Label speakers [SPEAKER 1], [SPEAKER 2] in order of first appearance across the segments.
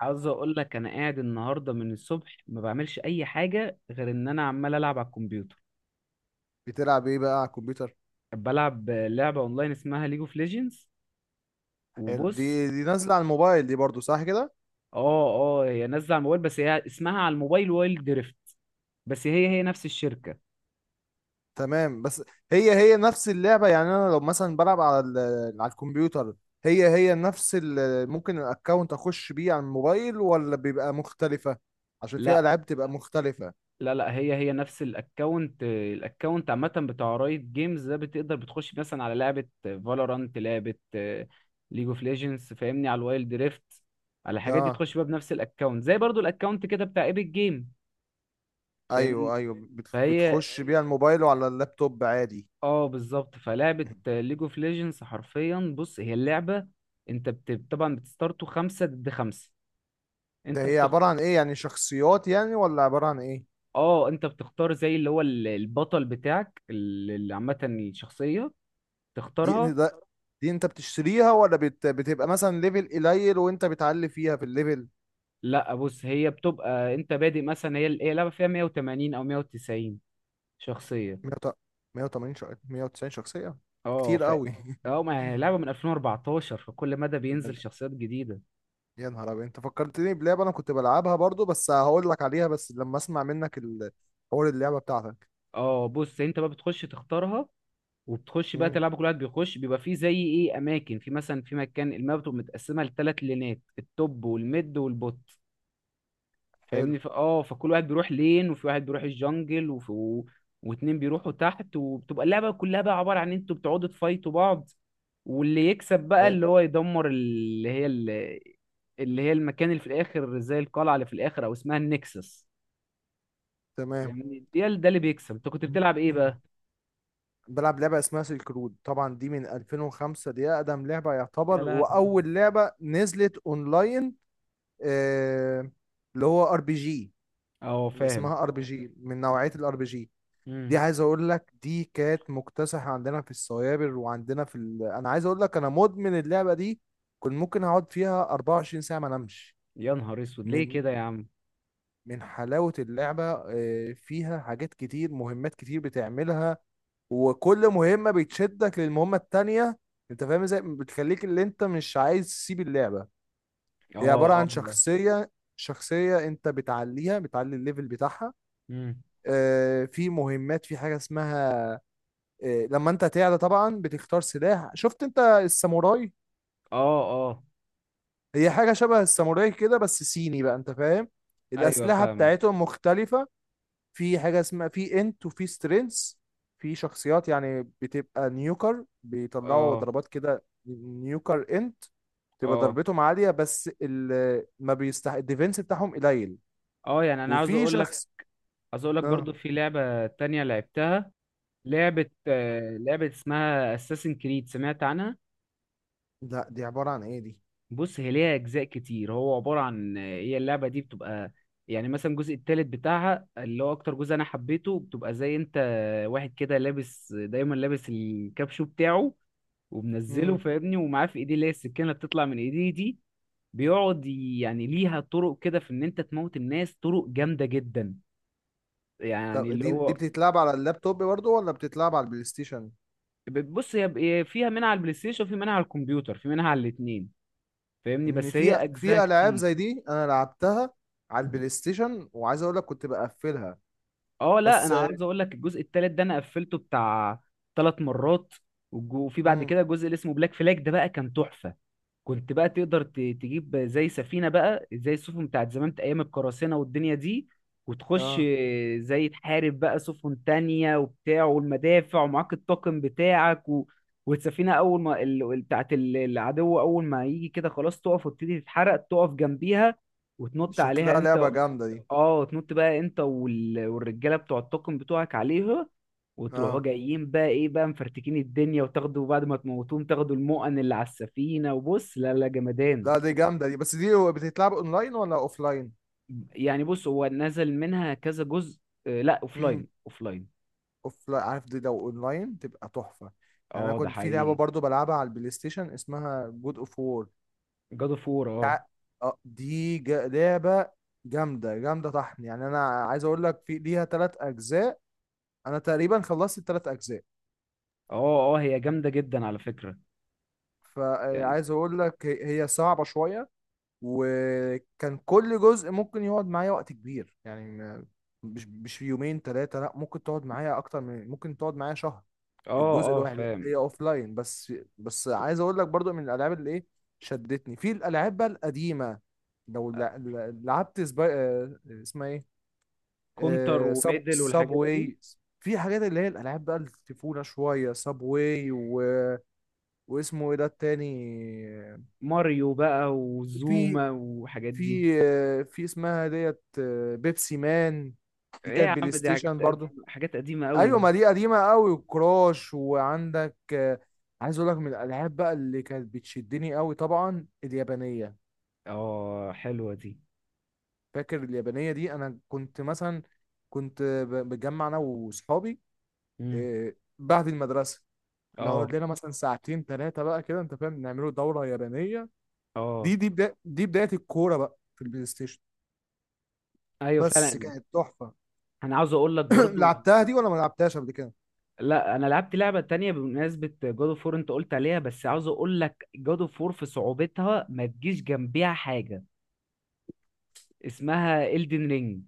[SPEAKER 1] عاوز اقول لك انا قاعد النهارده من الصبح ما بعملش اي حاجه غير ان انا عمال العب على الكمبيوتر.
[SPEAKER 2] بتلعب ايه بقى على الكمبيوتر؟
[SPEAKER 1] بلعب لعبه اونلاين اسمها ليج اوف ليجندز.
[SPEAKER 2] حلو، دي
[SPEAKER 1] وبص.
[SPEAKER 2] دي نازله على الموبايل دي برضو، صح كده؟
[SPEAKER 1] اه اه هي نازله على الموبايل، بس هي اسمها على الموبايل وايلد دريفت. بس هي نفس الشركه.
[SPEAKER 2] تمام، بس هي نفس اللعبه، يعني انا لو مثلا بلعب على على الكمبيوتر، هي نفس ممكن الاكونت اخش بيه على الموبايل، ولا بيبقى مختلفه؟ عشان في
[SPEAKER 1] لا،
[SPEAKER 2] العاب تبقى مختلفه.
[SPEAKER 1] لا، لا، هي نفس الاكونت، الاكونت عامه بتاع رايت جيمز ده. بتقدر بتخش مثلا على لعبه فالورانت، لعبه ليج اوف ليجندز، فاهمني؟ على الوايلد دريفت، على الحاجات دي
[SPEAKER 2] اه،
[SPEAKER 1] بتخش بقى بنفس الاكونت، زي برضو الاكونت كده بتاع ايبك جيم، فاهمني؟
[SPEAKER 2] ايوه ايوه، بت-
[SPEAKER 1] فهي
[SPEAKER 2] بتخش بيه على الموبايل وعلى اللابتوب عادي.
[SPEAKER 1] اه بالظبط. فلعبة ليج اوف ليجندز حرفيا، بص، هي اللعبة، انت طبعا بتستارتوا خمسة ضد خمسة.
[SPEAKER 2] ده
[SPEAKER 1] انت
[SPEAKER 2] هي
[SPEAKER 1] بتخ...
[SPEAKER 2] عباره عن ايه؟ يعني شخصيات، يعني ولا عباره عن ايه؟
[SPEAKER 1] اه انت بتختار زي اللي هو البطل بتاعك، اللي عامة الشخصية
[SPEAKER 2] دي
[SPEAKER 1] تختارها.
[SPEAKER 2] ده دي انت بتشتريها، ولا بتبقى مثلا ليفل قليل وانت بتعلي فيها في الليفل؟
[SPEAKER 1] لا، بص، هي بتبقى انت بادئ، مثلا هي لعبة فيها 180 او 190 شخصية.
[SPEAKER 2] 100، 180، 190 شخصية؟
[SPEAKER 1] اه
[SPEAKER 2] كتير
[SPEAKER 1] ف
[SPEAKER 2] قوي.
[SPEAKER 1] اه ما هي لعبة من 2014، فكل مدى
[SPEAKER 2] يا
[SPEAKER 1] بينزل شخصيات جديدة.
[SPEAKER 2] يا نهار ابيض، انت فكرتني بلعبة انا كنت بلعبها برضو، بس هقول لك عليها بس لما اسمع منك حوار اللعبة بتاعتك.
[SPEAKER 1] اه، بص، انت بقى بتخش تختارها، وبتخش بقى
[SPEAKER 2] امم
[SPEAKER 1] تلعب. كل واحد بيخش بيبقى فيه زي ايه، اماكن، في مثلا في مكان الماب بتبقى متقسمه لثلاث لينات، التوب والميد والبوت،
[SPEAKER 2] حلو،
[SPEAKER 1] فاهمني؟ ف... اه فكل واحد بيروح لين، وفي واحد بيروح الجنجل، واتنين بيروحوا تحت. وبتبقى اللعبه كلها بقى عباره عن ان انتوا بتقعدوا تفايتوا بعض، واللي يكسب بقى
[SPEAKER 2] حلو،
[SPEAKER 1] اللي هو يدمر اللي هي المكان اللي في الاخر، زي القلعه اللي في الاخر، او اسمها النكسس،
[SPEAKER 2] تمام.
[SPEAKER 1] فاهمني؟ ده اللي بيكسب. انت كنت بتلعب ايه بقى؟
[SPEAKER 2] بلعب لعبة اسمها سيلك رود، طبعا دي من 2005، دي أقدم لعبة
[SPEAKER 1] يا
[SPEAKER 2] يعتبر،
[SPEAKER 1] لهوي.
[SPEAKER 2] وأول لعبة نزلت أونلاين. آه، اللي هو ار بي جي،
[SPEAKER 1] اه،
[SPEAKER 2] اللي
[SPEAKER 1] فاهم.
[SPEAKER 2] اسمها ار بي جي، من نوعية الار بي جي.
[SPEAKER 1] مم.
[SPEAKER 2] دي عايز اقول لك دي كانت مكتسحة عندنا في السوابر وعندنا في انا عايز اقول لك انا مدمن اللعبة دي، كنت ممكن اقعد فيها 24 ساعة ما انامش
[SPEAKER 1] يا نهار اسود، ليه
[SPEAKER 2] من
[SPEAKER 1] كده يا عم؟
[SPEAKER 2] من حلاوة اللعبة. فيها حاجات كتير، مهمات كتير بتعملها، وكل مهمة بتشدك للمهمة التانية. انت فاهم ازاي بتخليك اللي انت مش عايز تسيب اللعبة. هي
[SPEAKER 1] اه.
[SPEAKER 2] عبارة
[SPEAKER 1] اه.
[SPEAKER 2] عن شخصية، شخصية انت بتعليها، بتعلي الليفل بتاعها.
[SPEAKER 1] امم.
[SPEAKER 2] في مهمات، في حاجة اسمها، لما انت تعلى طبعا بتختار سلاح. شفت انت الساموراي؟
[SPEAKER 1] اه. اه.
[SPEAKER 2] هي حاجة شبه الساموراي كده، بس صيني بقى، انت فاهم.
[SPEAKER 1] ايوه
[SPEAKER 2] الأسلحة
[SPEAKER 1] فاهمك.
[SPEAKER 2] بتاعتهم مختلفة. في حاجة اسمها، في انت وفي سترينث، في شخصيات يعني بتبقى نيوكر، بيطلعوا
[SPEAKER 1] اه.
[SPEAKER 2] ضربات كده، نيوكر انت تبقى
[SPEAKER 1] اه.
[SPEAKER 2] ضربتهم عالية، بس ال ما بيستح الديفنس بتاعهم قليل.
[SPEAKER 1] اه يعني انا عاوز
[SPEAKER 2] وفي
[SPEAKER 1] اقول لك
[SPEAKER 2] شخص،
[SPEAKER 1] عاوز اقول لك
[SPEAKER 2] اه
[SPEAKER 1] برضو، في لعبة تانية لعبتها، لعبة، لعبة اسمها اساسن كريد، سمعت عنها؟
[SPEAKER 2] لا. دي عبارة عن ايه دي؟
[SPEAKER 1] بص، هي ليها اجزاء كتير، هو عبارة عن، هي اللعبة دي بتبقى، يعني مثلا الجزء التالت بتاعها، اللي هو اكتر جزء انا حبيته، بتبقى زي انت واحد كده لابس، دايما لابس الكابشو بتاعه ومنزله
[SPEAKER 2] مم.
[SPEAKER 1] فاهمني، ومعاه في ايديه اللي هي السكينة اللي بتطلع من ايديه دي. بيقعد يعني ليها طرق كده في ان انت تموت الناس، طرق جامده جدا، يعني
[SPEAKER 2] طب
[SPEAKER 1] اللي
[SPEAKER 2] دي
[SPEAKER 1] هو.
[SPEAKER 2] بتتلعب على اللابتوب برضه ولا بتتلعب على البلاي ستيشن؟
[SPEAKER 1] بص، هي فيها منها على البلاي ستيشن، وفي منها على الكمبيوتر، في منها على الاتنين، فاهمني؟
[SPEAKER 2] ان
[SPEAKER 1] بس هي
[SPEAKER 2] في
[SPEAKER 1] اجزاء
[SPEAKER 2] في العاب
[SPEAKER 1] كتير.
[SPEAKER 2] زي دي انا لعبتها على البلاي ستيشن، وعايز اقول لك كنت بقفلها
[SPEAKER 1] اه لا،
[SPEAKER 2] بس.
[SPEAKER 1] انا عاوز اقول لك الجزء التالت ده انا قفلته بتاع ثلاث مرات. والج- وفي بعد
[SPEAKER 2] امم
[SPEAKER 1] كده جزء اللي اسمه بلاك فلاج، ده بقى كان تحفه. كنت بقى تقدر تجيب زي سفينة بقى، زي السفن بتاعت زمان أيام القراصنة والدنيا دي، وتخش
[SPEAKER 2] اه،
[SPEAKER 1] زي تحارب بقى سفن تانية وبتاع، والمدافع ومعاك الطاقم بتاعك. والسفينة أول ما بتاعت العدو أول ما يجي كده، خلاص تقف وتبتدي تتحرق، تقف جنبيها وتنط عليها
[SPEAKER 2] شكلها لعبة
[SPEAKER 1] أنت.
[SPEAKER 2] جامدة دي.
[SPEAKER 1] اه، تنط بقى أنت وال... والرجالة بتوع الطاقم بتوعك عليها، وتروحوا
[SPEAKER 2] اه
[SPEAKER 1] جايين بقى ايه بقى مفرتكين الدنيا، وتاخدوا بعد ما تموتوهم تاخدوا المؤن اللي على السفينة. وبص، لا لا، جمدان.
[SPEAKER 2] لا، دي جامدة دي، بس دي هو بتتلعب اونلاين ولا اوفلاين؟
[SPEAKER 1] يعني بص، هو نزل منها كذا جزء. لا،
[SPEAKER 2] امم
[SPEAKER 1] اوفلاين اوفلاين.
[SPEAKER 2] اوفلاين. عارف، دي لو اونلاين تبقى تحفة. يعني انا
[SPEAKER 1] اه ده
[SPEAKER 2] كنت في لعبة
[SPEAKER 1] حقيقي.
[SPEAKER 2] برضه بلعبها على البلاي ستيشن اسمها جود اوف وور.
[SPEAKER 1] جاد اوف وور، اه.
[SPEAKER 2] اه، دي لعبة جامدة جامدة طحن، يعني انا عايز اقول لك في ليها 3 اجزاء، انا تقريبا خلصت ال3 اجزاء.
[SPEAKER 1] اه، اه، هي جامدة جدا على فكرة، يعني.
[SPEAKER 2] فعايز اقول لك هي صعبة شوية، وكان كل جزء ممكن يقعد معايا وقت كبير، يعني مش في يومين ثلاثة، لا ممكن تقعد معايا اكتر، من ممكن تقعد معايا شهر
[SPEAKER 1] اه،
[SPEAKER 2] الجزء
[SPEAKER 1] اه
[SPEAKER 2] الواحد.
[SPEAKER 1] فاهم.
[SPEAKER 2] هي اوف لاين بس. بس عايز اقول لك برضو من الالعاب اللي ايه شدتني في الالعاب بقى القديمة، لو لعبت سبا... آه، اسمها ايه،
[SPEAKER 1] كونتر
[SPEAKER 2] آه، سب
[SPEAKER 1] وميدل
[SPEAKER 2] سب
[SPEAKER 1] والحاجات دي.
[SPEAKER 2] واي. في حاجات اللي هي الالعاب بقى الطفوله شويه، سب واي واسمه ايه ده التاني؟
[SPEAKER 1] ماريو بقى
[SPEAKER 2] في
[SPEAKER 1] وزوما والحاجات دي.
[SPEAKER 2] في في اسمها ديت، بيبسي مان، دي
[SPEAKER 1] ايه
[SPEAKER 2] كانت
[SPEAKER 1] يا عم،
[SPEAKER 2] بلاي
[SPEAKER 1] دي حاجات
[SPEAKER 2] ستيشن برضو.
[SPEAKER 1] قديمة، حاجات قديمة قوي.
[SPEAKER 2] ايوه، ما دي قديمه قوي، وكراش، وعندك عايز اقول لك من الالعاب بقى اللي كانت بتشدني قوي طبعا اليابانيه.
[SPEAKER 1] اه حلوة دي.
[SPEAKER 2] فاكر اليابانيه دي؟ انا كنت مثلا كنت بتجمع انا واصحابي
[SPEAKER 1] مم.
[SPEAKER 2] بعد المدرسه
[SPEAKER 1] اه.
[SPEAKER 2] نقعد لنا مثلا ساعتين ثلاثه بقى كده، انت فاهم، نعملوا دوره يابانيه.
[SPEAKER 1] اه
[SPEAKER 2] دي بدايه الكوره بقى في البلاي ستيشن،
[SPEAKER 1] ايوه
[SPEAKER 2] بس
[SPEAKER 1] فعلا.
[SPEAKER 2] كانت تحفة.
[SPEAKER 1] انا عاوز اقول لك برضو،
[SPEAKER 2] لعبتها دي، ولا ما لعبتهاش قبل كده؟
[SPEAKER 1] لا انا لعبت لعبه تانية بمناسبه جود اوف وور انت قلت عليها، بس عاوز اقول لك جود اوف وور في صعوبتها ما تجيش جنبيها حاجه اسمها إلدن رينج.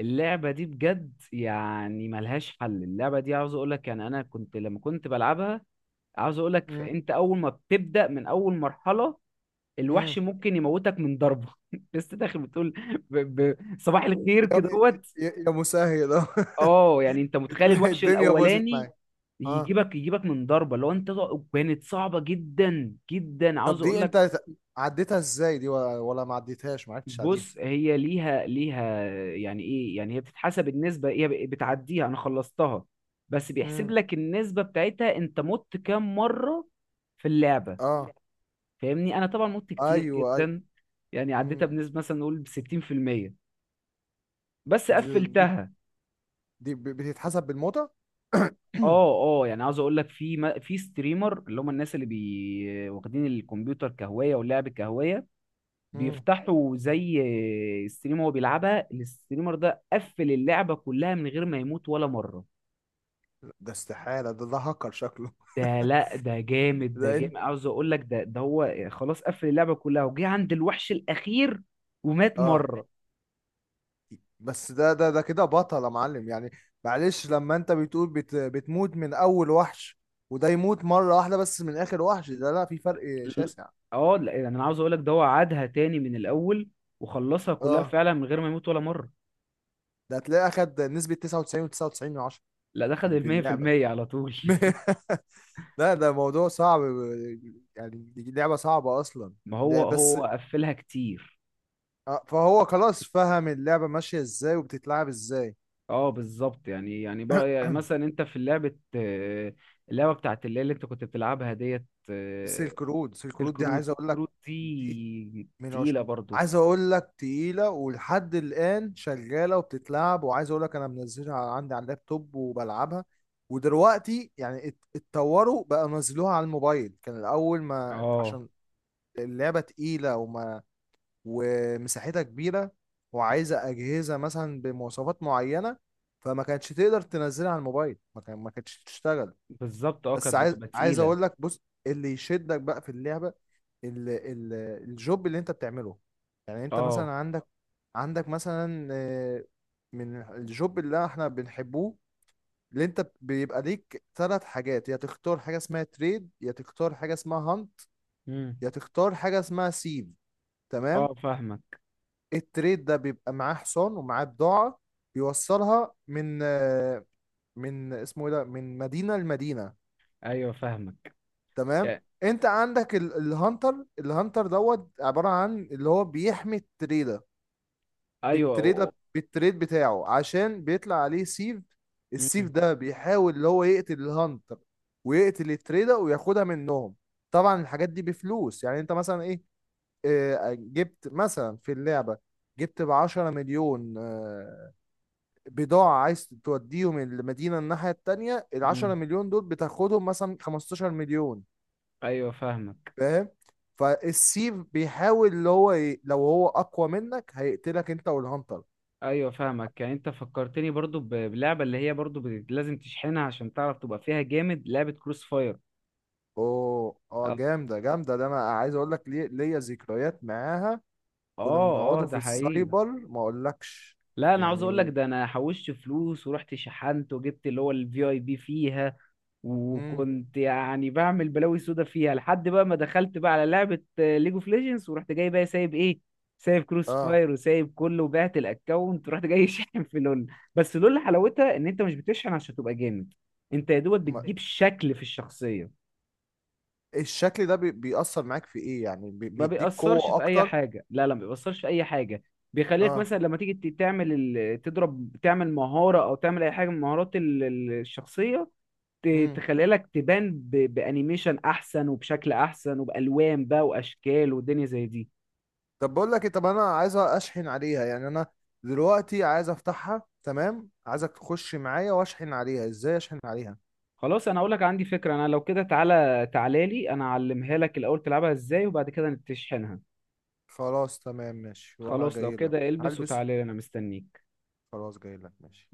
[SPEAKER 1] اللعبه دي بجد يعني ملهاش حل. اللعبه دي عاوز اقول لك، يعني انا كنت لما كنت بلعبها، عاوز اقول لك
[SPEAKER 2] مم.
[SPEAKER 1] انت اول ما بتبدا من اول مرحله،
[SPEAKER 2] مم.
[SPEAKER 1] الوحش ممكن يموتك من ضربه. لسه داخل بتقول ب... صباح الخير كده.
[SPEAKER 2] يا يا مسهل، اه.
[SPEAKER 1] اه، يعني انت متخيل،
[SPEAKER 2] بتلاقي
[SPEAKER 1] الوحش
[SPEAKER 2] الدنيا باظت
[SPEAKER 1] الاولاني
[SPEAKER 2] معاك، اه.
[SPEAKER 1] يجيبك من ضربه لو انت كانت صعبه جدا جدا، عاوز
[SPEAKER 2] طب
[SPEAKER 1] اقول
[SPEAKER 2] دي
[SPEAKER 1] لك.
[SPEAKER 2] انت عديتها ازاي دي، ولا ما عديتهاش، ما عدتش عليها؟
[SPEAKER 1] بص، هي ليها يعني ايه، يعني هي بتتحسب النسبه، بتعديها، انا خلصتها، بس بيحسب
[SPEAKER 2] مم.
[SPEAKER 1] لك النسبه بتاعتها انت مت كام مره في اللعبه،
[SPEAKER 2] اه،
[SPEAKER 1] فاهمني. انا طبعا مت كتير
[SPEAKER 2] ايوه اي.
[SPEAKER 1] جدا، يعني عديتها
[SPEAKER 2] مم.
[SPEAKER 1] بنسبه مثلا نقول ب 60%، بس
[SPEAKER 2] دي, دي
[SPEAKER 1] قفلتها.
[SPEAKER 2] دي بتتحسب بالموتى.
[SPEAKER 1] اه، اه يعني عاوز اقول لك في في ستريمر، اللي هم الناس اللي بي واخدين الكمبيوتر كهوايه واللعب كهوايه،
[SPEAKER 2] مم.
[SPEAKER 1] بيفتحوا زي ستريم، هو بيلعبها. الستريمر ده قفل اللعبه كلها من غير ما يموت ولا مره.
[SPEAKER 2] ده استحالة، ده هاكر شكله.
[SPEAKER 1] ده لا، ده جامد، ده
[SPEAKER 2] ده انت،
[SPEAKER 1] جامد، عاوز اقول لك. ده هو خلاص قفل اللعبه كلها وجه عند الوحش الاخير ومات
[SPEAKER 2] اه،
[SPEAKER 1] مره.
[SPEAKER 2] بس ده كده بطل يا معلم يعني. معلش، لما انت بتقول بتموت من اول وحش، وده يموت مرة واحدة بس من اخر وحش، ده لا، في فرق
[SPEAKER 1] ال-
[SPEAKER 2] شاسع.
[SPEAKER 1] اه لا، يعني انا عاوز اقول لك ده هو عادها تاني من الاول وخلصها كلها
[SPEAKER 2] اه،
[SPEAKER 1] فعلا من غير ما يموت ولا مره.
[SPEAKER 2] ده هتلاقيه اخد نسبة 99 و99 من 10
[SPEAKER 1] لا، ده خد
[SPEAKER 2] في
[SPEAKER 1] المية في
[SPEAKER 2] اللعبة.
[SPEAKER 1] المية على طول.
[SPEAKER 2] لا، ده موضوع صعب، يعني دي لعبة صعبة اصلا.
[SPEAKER 1] ما هو
[SPEAKER 2] لا، بس
[SPEAKER 1] هو قفلها كتير.
[SPEAKER 2] فهو خلاص فهم اللعبة ماشية ازاي وبتتلعب ازاي.
[SPEAKER 1] اه بالظبط. بقى يعني مثلا، انت في لعبة، اللعبة بتاعت اللي انت كنت بتلعبها ديت.
[SPEAKER 2] سيلك رود
[SPEAKER 1] سيلك
[SPEAKER 2] دي
[SPEAKER 1] رود،
[SPEAKER 2] عايز
[SPEAKER 1] سيلك
[SPEAKER 2] اقول لك
[SPEAKER 1] رود دي
[SPEAKER 2] من عشرة،
[SPEAKER 1] تقيلة برضو.
[SPEAKER 2] عايز اقول لك تقيلة ولحد الآن شغالة وبتتلعب، وعايز اقول لك انا منزلها عندي على اللابتوب وبلعبها. ودلوقتي يعني اتطوروا بقى، نزلوها على الموبايل. كان الأول ما
[SPEAKER 1] اه
[SPEAKER 2] عشان اللعبة تقيلة، ومساحتها كبيرة، وعايزة أجهزة مثلا بمواصفات معينة، فما كانتش تقدر تنزلها على الموبايل، ما كانتش تشتغل.
[SPEAKER 1] بالظبط، اه كانت
[SPEAKER 2] بس عايز
[SPEAKER 1] بتبقى
[SPEAKER 2] عايز
[SPEAKER 1] تقيلة.
[SPEAKER 2] اقول لك، بص، اللي يشدك بقى في اللعبه ال... ال... الجوب اللي انت بتعمله. يعني انت
[SPEAKER 1] اه.
[SPEAKER 2] مثلا عندك، عندك مثلا، من الجوب اللي احنا بنحبوه، اللي انت بيبقى ليك ثلاث حاجات: يا تختار حاجه اسمها تريد، يا تختار حاجه اسمها هانت،
[SPEAKER 1] امم.
[SPEAKER 2] يا تختار حاجه اسمها سيف، تمام.
[SPEAKER 1] اه فاهمك.
[SPEAKER 2] التريد ده بيبقى معاه حصان ومعاه بضاعه، بيوصلها من من اسمه ايه ده، من مدينه لمدينه،
[SPEAKER 1] ايوه فاهمك
[SPEAKER 2] تمام.
[SPEAKER 1] يعني.
[SPEAKER 2] انت عندك الهانتر. الهانتر دوت عبارة عن اللي هو بيحمي التريدة
[SPEAKER 1] ايوه.
[SPEAKER 2] بالتريد بتاعه، عشان بيطلع عليه سيف. السيف
[SPEAKER 1] امم.
[SPEAKER 2] ده بيحاول اللي هو يقتل الهانتر، ويقتل التريدة وياخدها منهم. طبعا الحاجات دي بفلوس، يعني انت مثلا ايه، اه، جبت مثلا في اللعبة، جبت ب10 مليون بضاعة، عايز توديهم المدينة الناحية التانية، العشرة
[SPEAKER 1] امم.
[SPEAKER 2] مليون دول بتاخدهم مثلا 15 مليون،
[SPEAKER 1] ايوه فاهمك.
[SPEAKER 2] فاهم. فالسي بيحاول اللي هو لو هو اقوى منك هيقتلك انت والهانتر.
[SPEAKER 1] ايوه فاهمك، يعني انت فكرتني برضو ب- بلعبة اللي هي برضو لازم تشحنها عشان تعرف تبقى فيها جامد، لعبة كروس فاير.
[SPEAKER 2] اوه، اه، جامده جامده، ده انا عايز اقول لك ليه ليا ذكريات معاها. كنا
[SPEAKER 1] اه، اه
[SPEAKER 2] بنقعدوا في
[SPEAKER 1] ده حقيقي.
[SPEAKER 2] السايبر ما اقولكش
[SPEAKER 1] لا انا عاوز اقول لك،
[SPEAKER 2] يعني.
[SPEAKER 1] ده انا حوشت فلوس ورحت شحنت وجبت اللي هو الفي اي بي فيها،
[SPEAKER 2] امم
[SPEAKER 1] وكنت يعني بعمل بلاوي سودا فيها، لحد بقى ما دخلت بقى على لعبة ليج اوف ليجندز ورحت جاي بقى سايب ايه، سايب كروس
[SPEAKER 2] اه،
[SPEAKER 1] فاير وسايب كله، وبعت الاكونت ورحت جاي شاحن في لول. بس لول حلاوتها ان انت مش بتشحن عشان تبقى جامد، انت يا دوبك
[SPEAKER 2] ما...
[SPEAKER 1] بتجيب شكل في الشخصية.
[SPEAKER 2] الشكل ده بيأثر معاك في ايه؟ يعني
[SPEAKER 1] ما
[SPEAKER 2] بيديك
[SPEAKER 1] بيأثرش
[SPEAKER 2] قوه
[SPEAKER 1] في اي
[SPEAKER 2] اكتر؟
[SPEAKER 1] حاجه، لا لا، ما بيأثرش في اي حاجه. بيخليك
[SPEAKER 2] اه.
[SPEAKER 1] مثلا لما تيجي تعمل تضرب، تعمل مهاره او تعمل اي حاجه من مهارات الشخصيه،
[SPEAKER 2] امم
[SPEAKER 1] تخلي لك تبان ب... بانيميشن احسن وبشكل احسن وبالوان بقى واشكال ودنيا زي دي.
[SPEAKER 2] طب بقول لك طب انا عايز اشحن عليها، يعني انا دلوقتي عايز افتحها، تمام، عايزك تخش معايا واشحن عليها، ازاي اشحن عليها؟
[SPEAKER 1] خلاص، انا اقول لك عندي فكره، انا لو كده تعالى، تعالى لي، انا اعلمها لك الاول تلعبها ازاي، وبعد كده تشحنها.
[SPEAKER 2] خلاص تمام ماشي، وانا
[SPEAKER 1] خلاص لو
[SPEAKER 2] جاي لك
[SPEAKER 1] كده البس
[SPEAKER 2] هلبس.
[SPEAKER 1] وتعالى لي، انا مستنيك.
[SPEAKER 2] خلاص، جاي لك، ماشي.